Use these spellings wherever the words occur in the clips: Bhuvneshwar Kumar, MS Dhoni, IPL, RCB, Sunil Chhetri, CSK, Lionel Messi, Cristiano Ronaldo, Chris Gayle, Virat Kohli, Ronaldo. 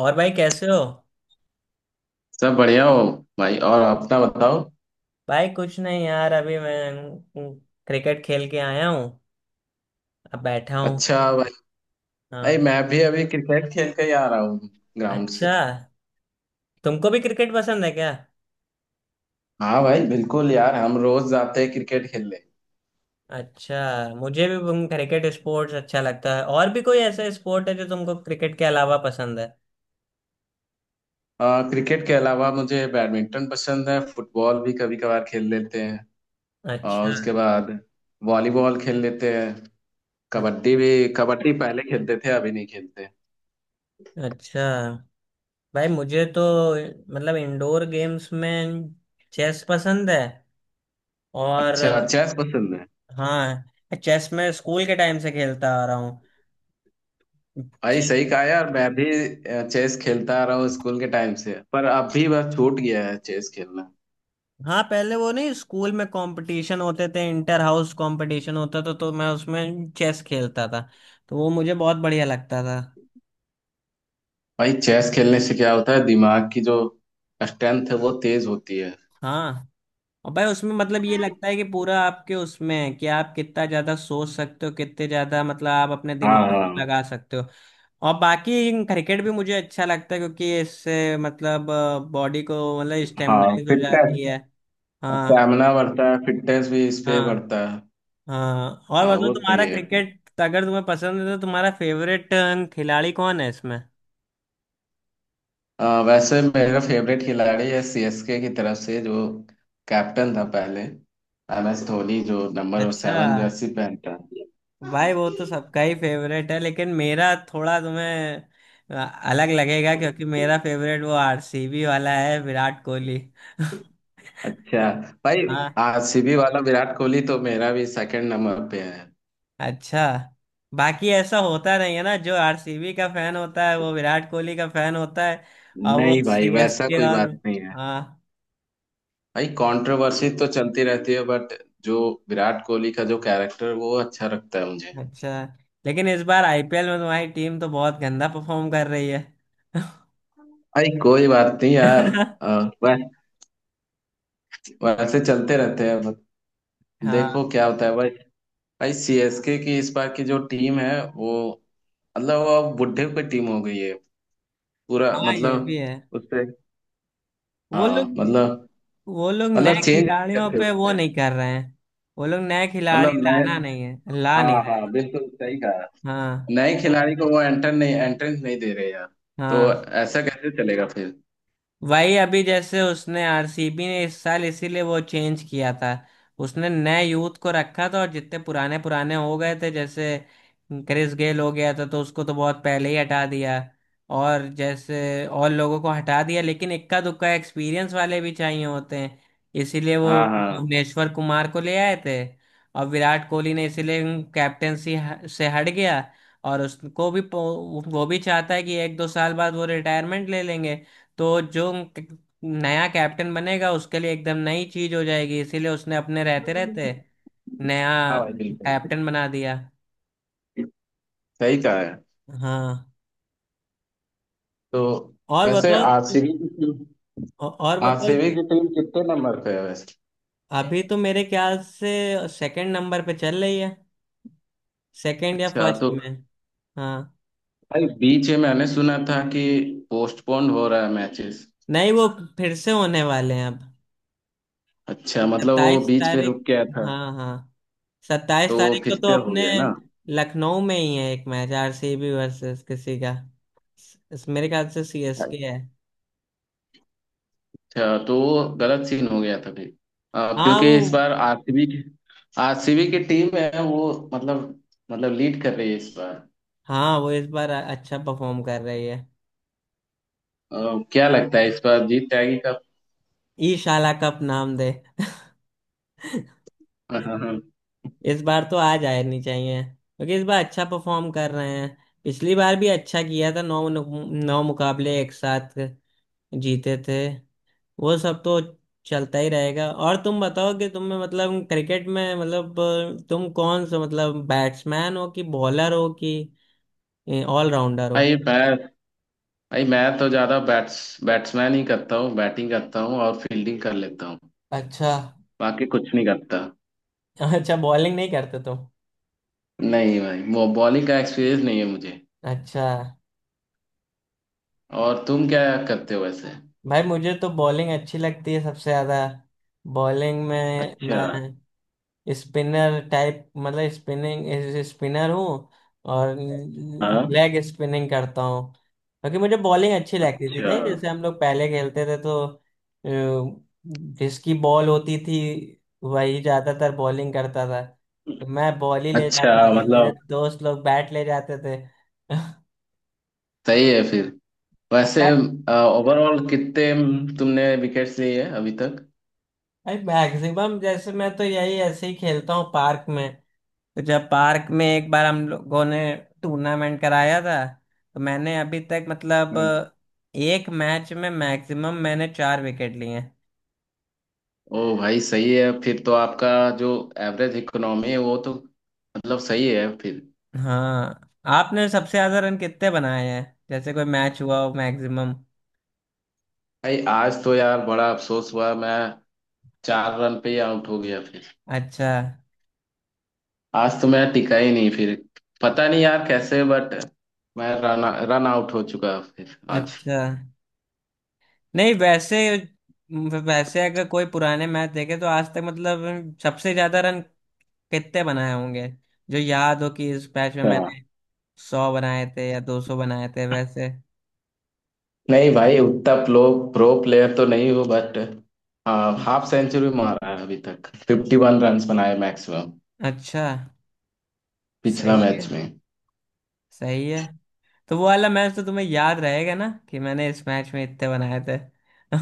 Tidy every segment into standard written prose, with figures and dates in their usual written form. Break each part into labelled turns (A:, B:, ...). A: और भाई कैसे हो।
B: सब बढ़िया हो। भाई और अपना बताओ।
A: भाई कुछ नहीं यार अभी मैं क्रिकेट खेल के आया हूँ। अब बैठा हूँ।
B: अच्छा भाई। भाई
A: हाँ।
B: मैं भी अभी क्रिकेट खेल के ही आ रहा हूँ ग्राउंड से।
A: अच्छा। तुमको भी क्रिकेट पसंद है क्या?
B: हाँ भाई, बिल्कुल यार, हम रोज जाते हैं क्रिकेट खेलने।
A: अच्छा। मुझे भी तुम क्रिकेट स्पोर्ट्स अच्छा लगता है, और भी कोई ऐसा स्पोर्ट है जो तुमको क्रिकेट के अलावा पसंद है?
B: क्रिकेट के अलावा मुझे बैडमिंटन पसंद है, फुटबॉल भी कभी कभार खेल लेते हैं। और
A: अच्छा।
B: उसके बाद वॉलीबॉल खेल लेते हैं, कबड्डी
A: अच्छा।
B: भी। कबड्डी पहले खेलते थे, अभी नहीं खेलते।
A: अच्छा भाई मुझे तो मतलब इंडोर गेम्स में चेस पसंद है। और
B: अच्छा, चेस पसंद है।
A: हाँ, चेस में स्कूल के टाइम से खेलता आ रहा हूँ।
B: भाई सही कहा यार, मैं भी चेस खेलता आ रहा हूँ स्कूल के टाइम से, पर अब भी बस छूट गया है चेस खेलना।
A: हाँ, पहले वो नहीं स्कूल में कंपटीशन होते थे, इंटर हाउस कंपटीशन होता था, तो मैं उसमें चेस खेलता था। तो वो मुझे बहुत बढ़िया लगता था।
B: भाई, चेस खेलने से क्या होता है, दिमाग की जो स्ट्रेंथ है वो तेज होती है।
A: हाँ। और भाई उसमें मतलब ये लगता है कि पूरा आपके उसमें है कि आप कितना ज्यादा सोच सकते हो, कितने ज्यादा मतलब आप अपने
B: हाँ,
A: दिमाग
B: हाँ।
A: को लगा सकते हो। और बाकी क्रिकेट भी मुझे अच्छा लगता है क्योंकि इससे मतलब बॉडी को मतलब
B: हाँ,
A: स्टेमिनाइज हो
B: फिटनेस।
A: जाती है। हाँ।
B: स्टैमिना बढ़ता है, फिटनेस भी इस पे
A: हाँ।
B: बढ़ता है।
A: हाँ, और
B: हाँ,
A: बताओ
B: वो सही
A: तुम्हारा
B: है फिर।
A: क्रिकेट अगर तुम्हें पसंद है तो तुम्हारा फेवरेट खिलाड़ी कौन है इसमें?
B: वैसे मेरा फेवरेट खिलाड़ी है सीएसके की तरफ से, जो कैप्टन था पहले, एम एस धोनी, जो नंबर
A: अच्छा।
B: 7 जर्सी पहनता है।
A: भाई वो तो सबका ही फेवरेट है, लेकिन मेरा थोड़ा तुम्हें अ, अलग लगेगा क्योंकि मेरा फेवरेट वो आरसीबी वाला है, विराट कोहली।
B: अच्छा भाई।
A: हाँ।
B: आरसीबी वाला विराट कोहली तो मेरा भी सेकंड नंबर पे है।
A: अच्छा। बाकी ऐसा होता नहीं है ना जो आरसीबी का फैन होता है वो विराट कोहली का फैन होता है, और वो
B: नहीं भाई, वैसा
A: सीएसके
B: कोई
A: और।
B: बात नहीं है।
A: हाँ।
B: भाई कंट्रोवर्सी तो चलती रहती है बट, जो विराट कोहली का जो कैरेक्टर, वो अच्छा लगता है मुझे।
A: अच्छा, लेकिन इस बार आईपीएल में तुम्हारी टीम तो बहुत गंदा परफॉर्म कर रही है।
B: भाई कोई बात नहीं यार। अ, वै- वैसे चलते रहते हैं बस।
A: हाँ,
B: देखो क्या होता है भाई। भाई, सीएसके की इस बार की जो टीम है वो, मतलब, वो अब बुढ़े की टीम हो गई है, पूरा
A: हाँ, ये भी
B: मतलब,
A: है।
B: उससे।
A: वो
B: हाँ
A: लोग
B: मतलब।
A: वो लोग
B: मतलब
A: नए
B: चेंज नहीं
A: खिलाड़ियों
B: करते
A: पे वो
B: उसमें।
A: नहीं कर रहे हैं। वो लोग नए खिलाड़ी
B: मतलब नए।
A: लाना नहीं है, ला नहीं
B: हाँ,
A: रहे
B: हाँ,
A: हैं।
B: बिल्कुल सही कहा।
A: हाँ।
B: नए खिलाड़ी को वो एंटर नहीं, एंट्रेंस नहीं दे रहे यार। तो
A: हाँ।
B: ऐसा कैसे चलेगा फिर?
A: वही अभी जैसे उसने, आरसीबी ने इस साल इसीलिए वो चेंज किया था। उसने नए यूथ को रखा था, और जितने पुराने पुराने हो गए थे, जैसे क्रिस गेल हो गया था तो उसको तो बहुत पहले ही हटा दिया। और जैसे और लोगों को हटा दिया, लेकिन इक्का दुक्का एक्सपीरियंस वाले भी चाहिए होते हैं, इसीलिए वो
B: हाँ, हाँ।
A: भुवनेश्वर कुमार को ले आए थे। और विराट कोहली ने इसीलिए कैप्टेंसी से हट गया। और उसको भी वो भी चाहता है कि एक दो साल बाद वो रिटायरमेंट ले लेंगे। तो जो क- नया कैप्टन बनेगा उसके लिए एकदम नई चीज हो जाएगी, इसीलिए उसने अपने रहते
B: हाँ
A: रहते नया
B: भाई, बिल्कुल
A: कैप्टन बना दिया।
B: सही कहा है
A: हाँ,
B: तो।
A: और
B: वैसे
A: बताओ।
B: आरसीबी की टीम
A: और बताओ।
B: आरसीबी की टीम कितने नंबर पे है वैसे?
A: अभी तो मेरे ख्याल से सेकंड नंबर पे चल रही है। सेकंड या
B: अच्छा
A: फर्स्ट
B: तो।
A: में। हाँ।
B: भाई बीच में मैंने सुना था कि पोस्टपोन हो रहा है मैचेस।
A: नहीं, वो फिर से होने वाले हैं अब।
B: अच्छा, मतलब वो
A: 27
B: बीच पे
A: तारीख।
B: रुक गया था।
A: हाँ। हाँ। 27
B: तो वो
A: तारीख
B: फिर
A: को
B: से
A: तो
B: हो
A: अपने
B: गया ना?
A: लखनऊ में ही है एक मैच, आरसीबी वर्सेस किसी का। मेरे ख्याल से सीएसके है।
B: अच्छा, तो वो गलत सीन हो गया था फिर।
A: हाँ वो
B: क्योंकि इस बार आरसीबी की टीम है वो, मतलब लीड कर रही है इस बार।
A: हाँ, वो इस बार अच्छा परफॉर्म कर रही है।
B: क्या लगता है इस बार जीत जाएगी कब?
A: ई शाला कप नाम दे।
B: हाँ, हाँ, हाँ।
A: इस बार तो आ जानी चाहिए क्योंकि इस बार अच्छा परफॉर्म कर रहे हैं। पिछली बार भी अच्छा किया था, नौ नौ मुकाबले एक साथ जीते थे। वो सब तो चलता ही रहेगा। और तुम बताओ कि तुम्हें मतलब क्रिकेट में मतलब तुम कौन सा मतलब बैट्समैन हो कि बॉलर हो कि ऑलराउंडर हो?
B: भाई मैं भाई मैं तो ज्यादा बैट्समैन ही करता हूँ, बैटिंग करता हूँ और फील्डिंग कर लेता हूँ।
A: अच्छा।
B: बाकी कुछ नहीं करता।
A: अच्छा, बॉलिंग नहीं करते तुम?
B: नहीं भाई, वो बॉलिंग का एक्सपीरियंस नहीं है मुझे।
A: अच्छा।
B: और तुम क्या करते हो वैसे?
A: भाई मुझे तो बॉलिंग अच्छी लगती है सबसे ज़्यादा। बॉलिंग में
B: अच्छा।
A: मैं स्पिनर टाइप मतलब स्पिनिंग स्पिनर हूँ। और
B: हाँ।
A: लेग स्पिनिंग करता हूँ, क्योंकि मुझे बॉलिंग अच्छी लगती थी
B: अच्छा।
A: नहीं जैसे हम लोग पहले खेलते थे तो अ, जिसकी बॉल होती थी वही ज्यादातर बॉलिंग करता था। तो मैं बॉल ही ले
B: अच्छा,
A: जाता था, मेरे
B: मतलब
A: दोस्त लोग बैट ले जाते थे।
B: सही है फिर। वैसे ओवरऑल कितने तुमने विकेट्स लिए है अभी तक?
A: मैक्सिमम जैसे मैं तो यही ऐसे ही खेलता हूँ पार्क में। तो जब पार्क में एक बार हम लोगों ने टूर्नामेंट कराया था तो मैंने अभी तक मतलब
B: हम्म।
A: एक मैच में मैक्सिमम मैंने चार विकेट लिए हैं।
B: ओ भाई, सही है फिर तो, आपका जो एवरेज इकोनॉमी है वो तो मतलब सही है फिर।
A: हाँ। आपने सबसे ज्यादा रन कितने बनाए हैं जैसे कोई मैच हुआ हो मैक्सिमम?
B: भाई आज तो यार बड़ा अफसोस हुआ, मैं 4 रन पे ही आउट हो गया फिर।
A: अच्छा।
B: आज तो मैं टिका ही नहीं फिर। पता नहीं यार कैसे बट, मैं रन रन आउट हो चुका फिर आज।
A: अच्छा। नहीं वैसे वैसे अगर कोई पुराने मैच देखे तो आज तक मतलब सबसे ज्यादा रन कितने बनाए होंगे, जो याद हो कि इस मैच में
B: अच्छा।
A: मैंने 100 बनाए थे या 200 बनाए थे वैसे?
B: नहीं भाई, उतना प्रो प्रो प्लेयर तो नहीं हूँ बट। हाँ, हाफ सेंचुरी मारा है अभी तक, 51 रन बनाए मैक्सिमम
A: अच्छा।
B: पिछला
A: सही
B: मैच
A: है।
B: में।
A: सही है। तो वो वाला मैच तो तुम्हें याद रहेगा ना कि मैंने इस मैच में इतने बनाए थे?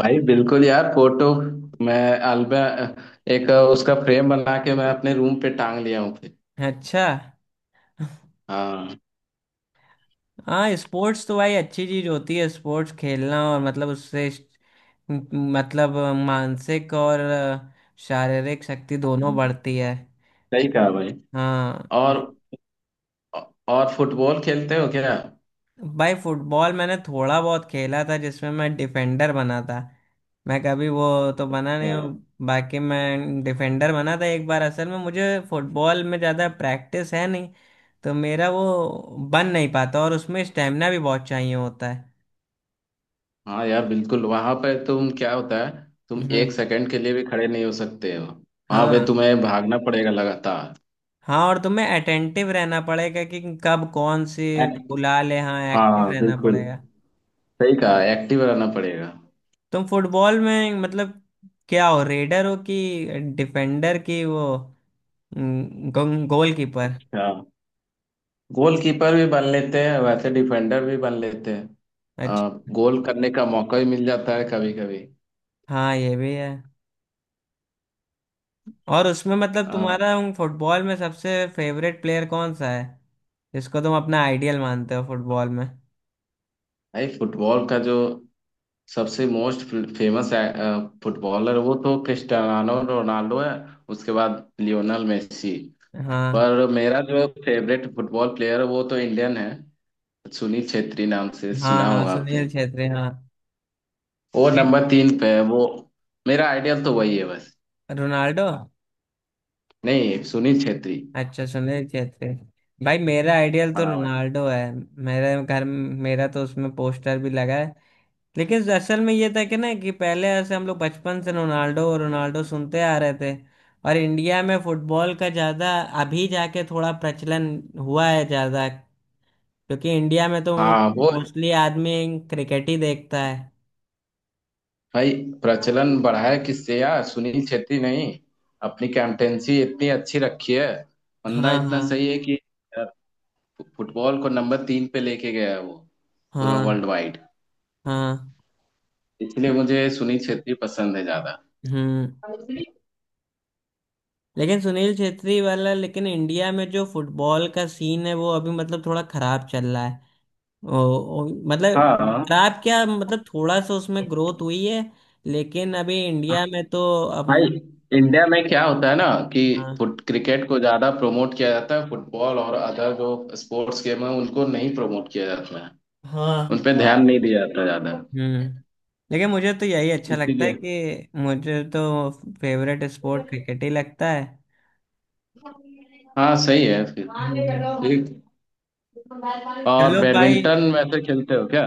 B: भाई बिल्कुल यार, फोटो, मैं अल्बा एक उसका फ्रेम बना के मैं अपने रूम पे टांग लिया हूँ फिर।
A: अच्छा।
B: हाँ,
A: हाँ, स्पोर्ट्स तो भाई अच्छी चीज होती है स्पोर्ट्स खेलना, और मतलब उससे मतलब मानसिक और शारीरिक शक्ति दोनों
B: सही
A: बढ़ती है।
B: कहा भाई।
A: हाँ।
B: और और फुटबॉल खेलते हो क्या?
A: भाई फुटबॉल मैंने थोड़ा बहुत खेला था जिसमें मैं डिफेंडर बना था। मैं कभी वो तो बना नहीं हूँ।
B: अच्छा।
A: बाकी मैं डिफेंडर बना था एक बार, असल में मुझे फुटबॉल में ज़्यादा प्रैक्टिस है नहीं तो मेरा वो बन नहीं पाता, और उसमें स्टेमिना भी बहुत चाहिए होता है।
B: हाँ यार बिल्कुल, वहां पे तुम, क्या होता है, तुम एक
A: हम्म।
B: सेकंड के लिए भी खड़े नहीं हो सकते हो। वहां पे
A: हाँ।
B: तुम्हें भागना पड़ेगा लगातार।
A: हाँ, और तुम्हें अटेंटिव रहना पड़ेगा कि कब कौन सी
B: एक-
A: बुला ले, हाँ
B: हाँ,
A: एक्टिव
B: हाँ,
A: रहना
B: बिल्कुल
A: पड़ेगा।
B: सही कहा, एक्टिव रहना पड़ेगा।
A: तुम फुटबॉल में मतलब क्या हो, रेडर हो कि डिफेंडर की वो गोल कीपर?
B: अच्छा। गोलकीपर भी बन लेते हैं वैसे, डिफेंडर भी बन लेते हैं।
A: अच्छा।
B: आ, गोल करने का मौका भी मिल जाता है कभी कभी।
A: हाँ, ये भी है। और उसमें मतलब
B: हाँ।
A: तुम्हारा उन फुटबॉल में सबसे फेवरेट प्लेयर कौन सा है, जिसको तुम अपना आइडियल मानते हो फुटबॉल में?
B: भाई, फुटबॉल का जो सबसे मोस्ट फेमस फुटबॉलर, वो तो क्रिस्टियानो रोनाल्डो है, उसके बाद लियोनल मेसी।
A: हाँ।
B: पर मेरा जो फेवरेट फुटबॉल प्लेयर है वो तो इंडियन है। सुनील छेत्री नाम से
A: हाँ।
B: सुना
A: हाँ,
B: होगा
A: सुनील
B: आपने।
A: छेत्री, हाँ।
B: वो नंबर 3 पे है, वो मेरा आइडियल तो वही है बस।
A: रोनाल्डो।
B: नहीं, सुनील छेत्री।
A: अच्छा, सुनील छेत्री। भाई मेरा आइडियल तो
B: हाँ भाई।
A: रोनाल्डो है। मेरे घर मेरा तो उसमें पोस्टर भी लगा है। लेकिन असल में ये था कि ना कि पहले ऐसे हम लोग बचपन से रोनाल्डो रोनाल्डो सुनते आ रहे थे। और इंडिया में फुटबॉल का ज़्यादा अभी जाके थोड़ा प्रचलन हुआ है ज़्यादा, क्योंकि इंडिया में तो
B: हाँ वो।
A: मोस्टली आदमी क्रिकेट ही देखता है।
B: भाई, प्रचलन बढ़ा है किससे यार, सुनील छेत्री, नहीं अपनी कैप्टेंसी इतनी अच्छी रखी है, बंदा
A: हाँ।
B: इतना
A: हाँ।
B: सही है कि यार, फुटबॉल को नंबर 3 पे लेके गया है वो, पूरा वर्ल्ड
A: हाँ।
B: वाइड।
A: हाँ।
B: इसलिए मुझे सुनील छेत्री पसंद है ज्यादा।
A: हम्म। लेकिन सुनील छेत्री वाला, लेकिन इंडिया में जो फुटबॉल का सीन है वो अभी मतलब थोड़ा खराब चल रहा है। ओ, ओ, मतलब
B: हाँ
A: खराब क्या, मतलब थोड़ा सा उसमें ग्रोथ हुई है। लेकिन अभी इंडिया में तो अब।
B: भाई, इंडिया में क्या होता है ना कि
A: हाँ।
B: फुट क्रिकेट को ज्यादा प्रमोट किया जाता है, फुटबॉल और अदर जो स्पोर्ट्स गेम है उनको नहीं प्रमोट किया जाता है। उन
A: हाँ।
B: पे ध्यान नहीं दिया जाता ज्यादा।
A: हम्म। लेकिन मुझे तो यही अच्छा लगता है
B: इसीलिए।
A: कि मुझे तो फेवरेट स्पोर्ट क्रिकेट ही लगता है।
B: हाँ सही है फिर।
A: हम्म।
B: ठीक। और
A: चलो भाई।
B: बैडमिंटन वैसे खेलते हो क्या?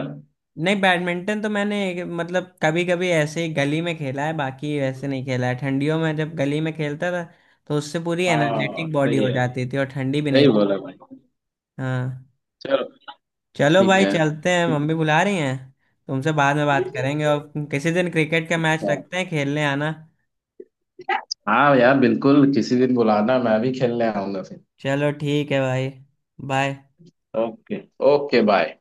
A: नहीं, बैडमिंटन तो मैंने मतलब कभी कभी ऐसे ही गली में खेला है, बाकी वैसे नहीं खेला है, ठंडियों में जब गली में खेलता था तो उससे पूरी
B: हाँ
A: एनर्जेटिक बॉडी
B: सही
A: हो
B: है,
A: जाती थी और ठंडी भी
B: सही
A: नहीं।
B: बोला भाई।
A: हाँ।
B: चलो।
A: चलो
B: ठीक
A: भाई
B: है।
A: चलते हैं, मम्मी बुला रही हैं। तुमसे बाद में बात करेंगे, और किसी दिन क्रिकेट का मैच रखते हैं, खेलने आना।
B: हाँ यार बिल्कुल, किसी दिन बुलाना, मैं भी खेलने आऊंगा फिर।
A: चलो ठीक है भाई। बाय।
B: Okay, okay, bye.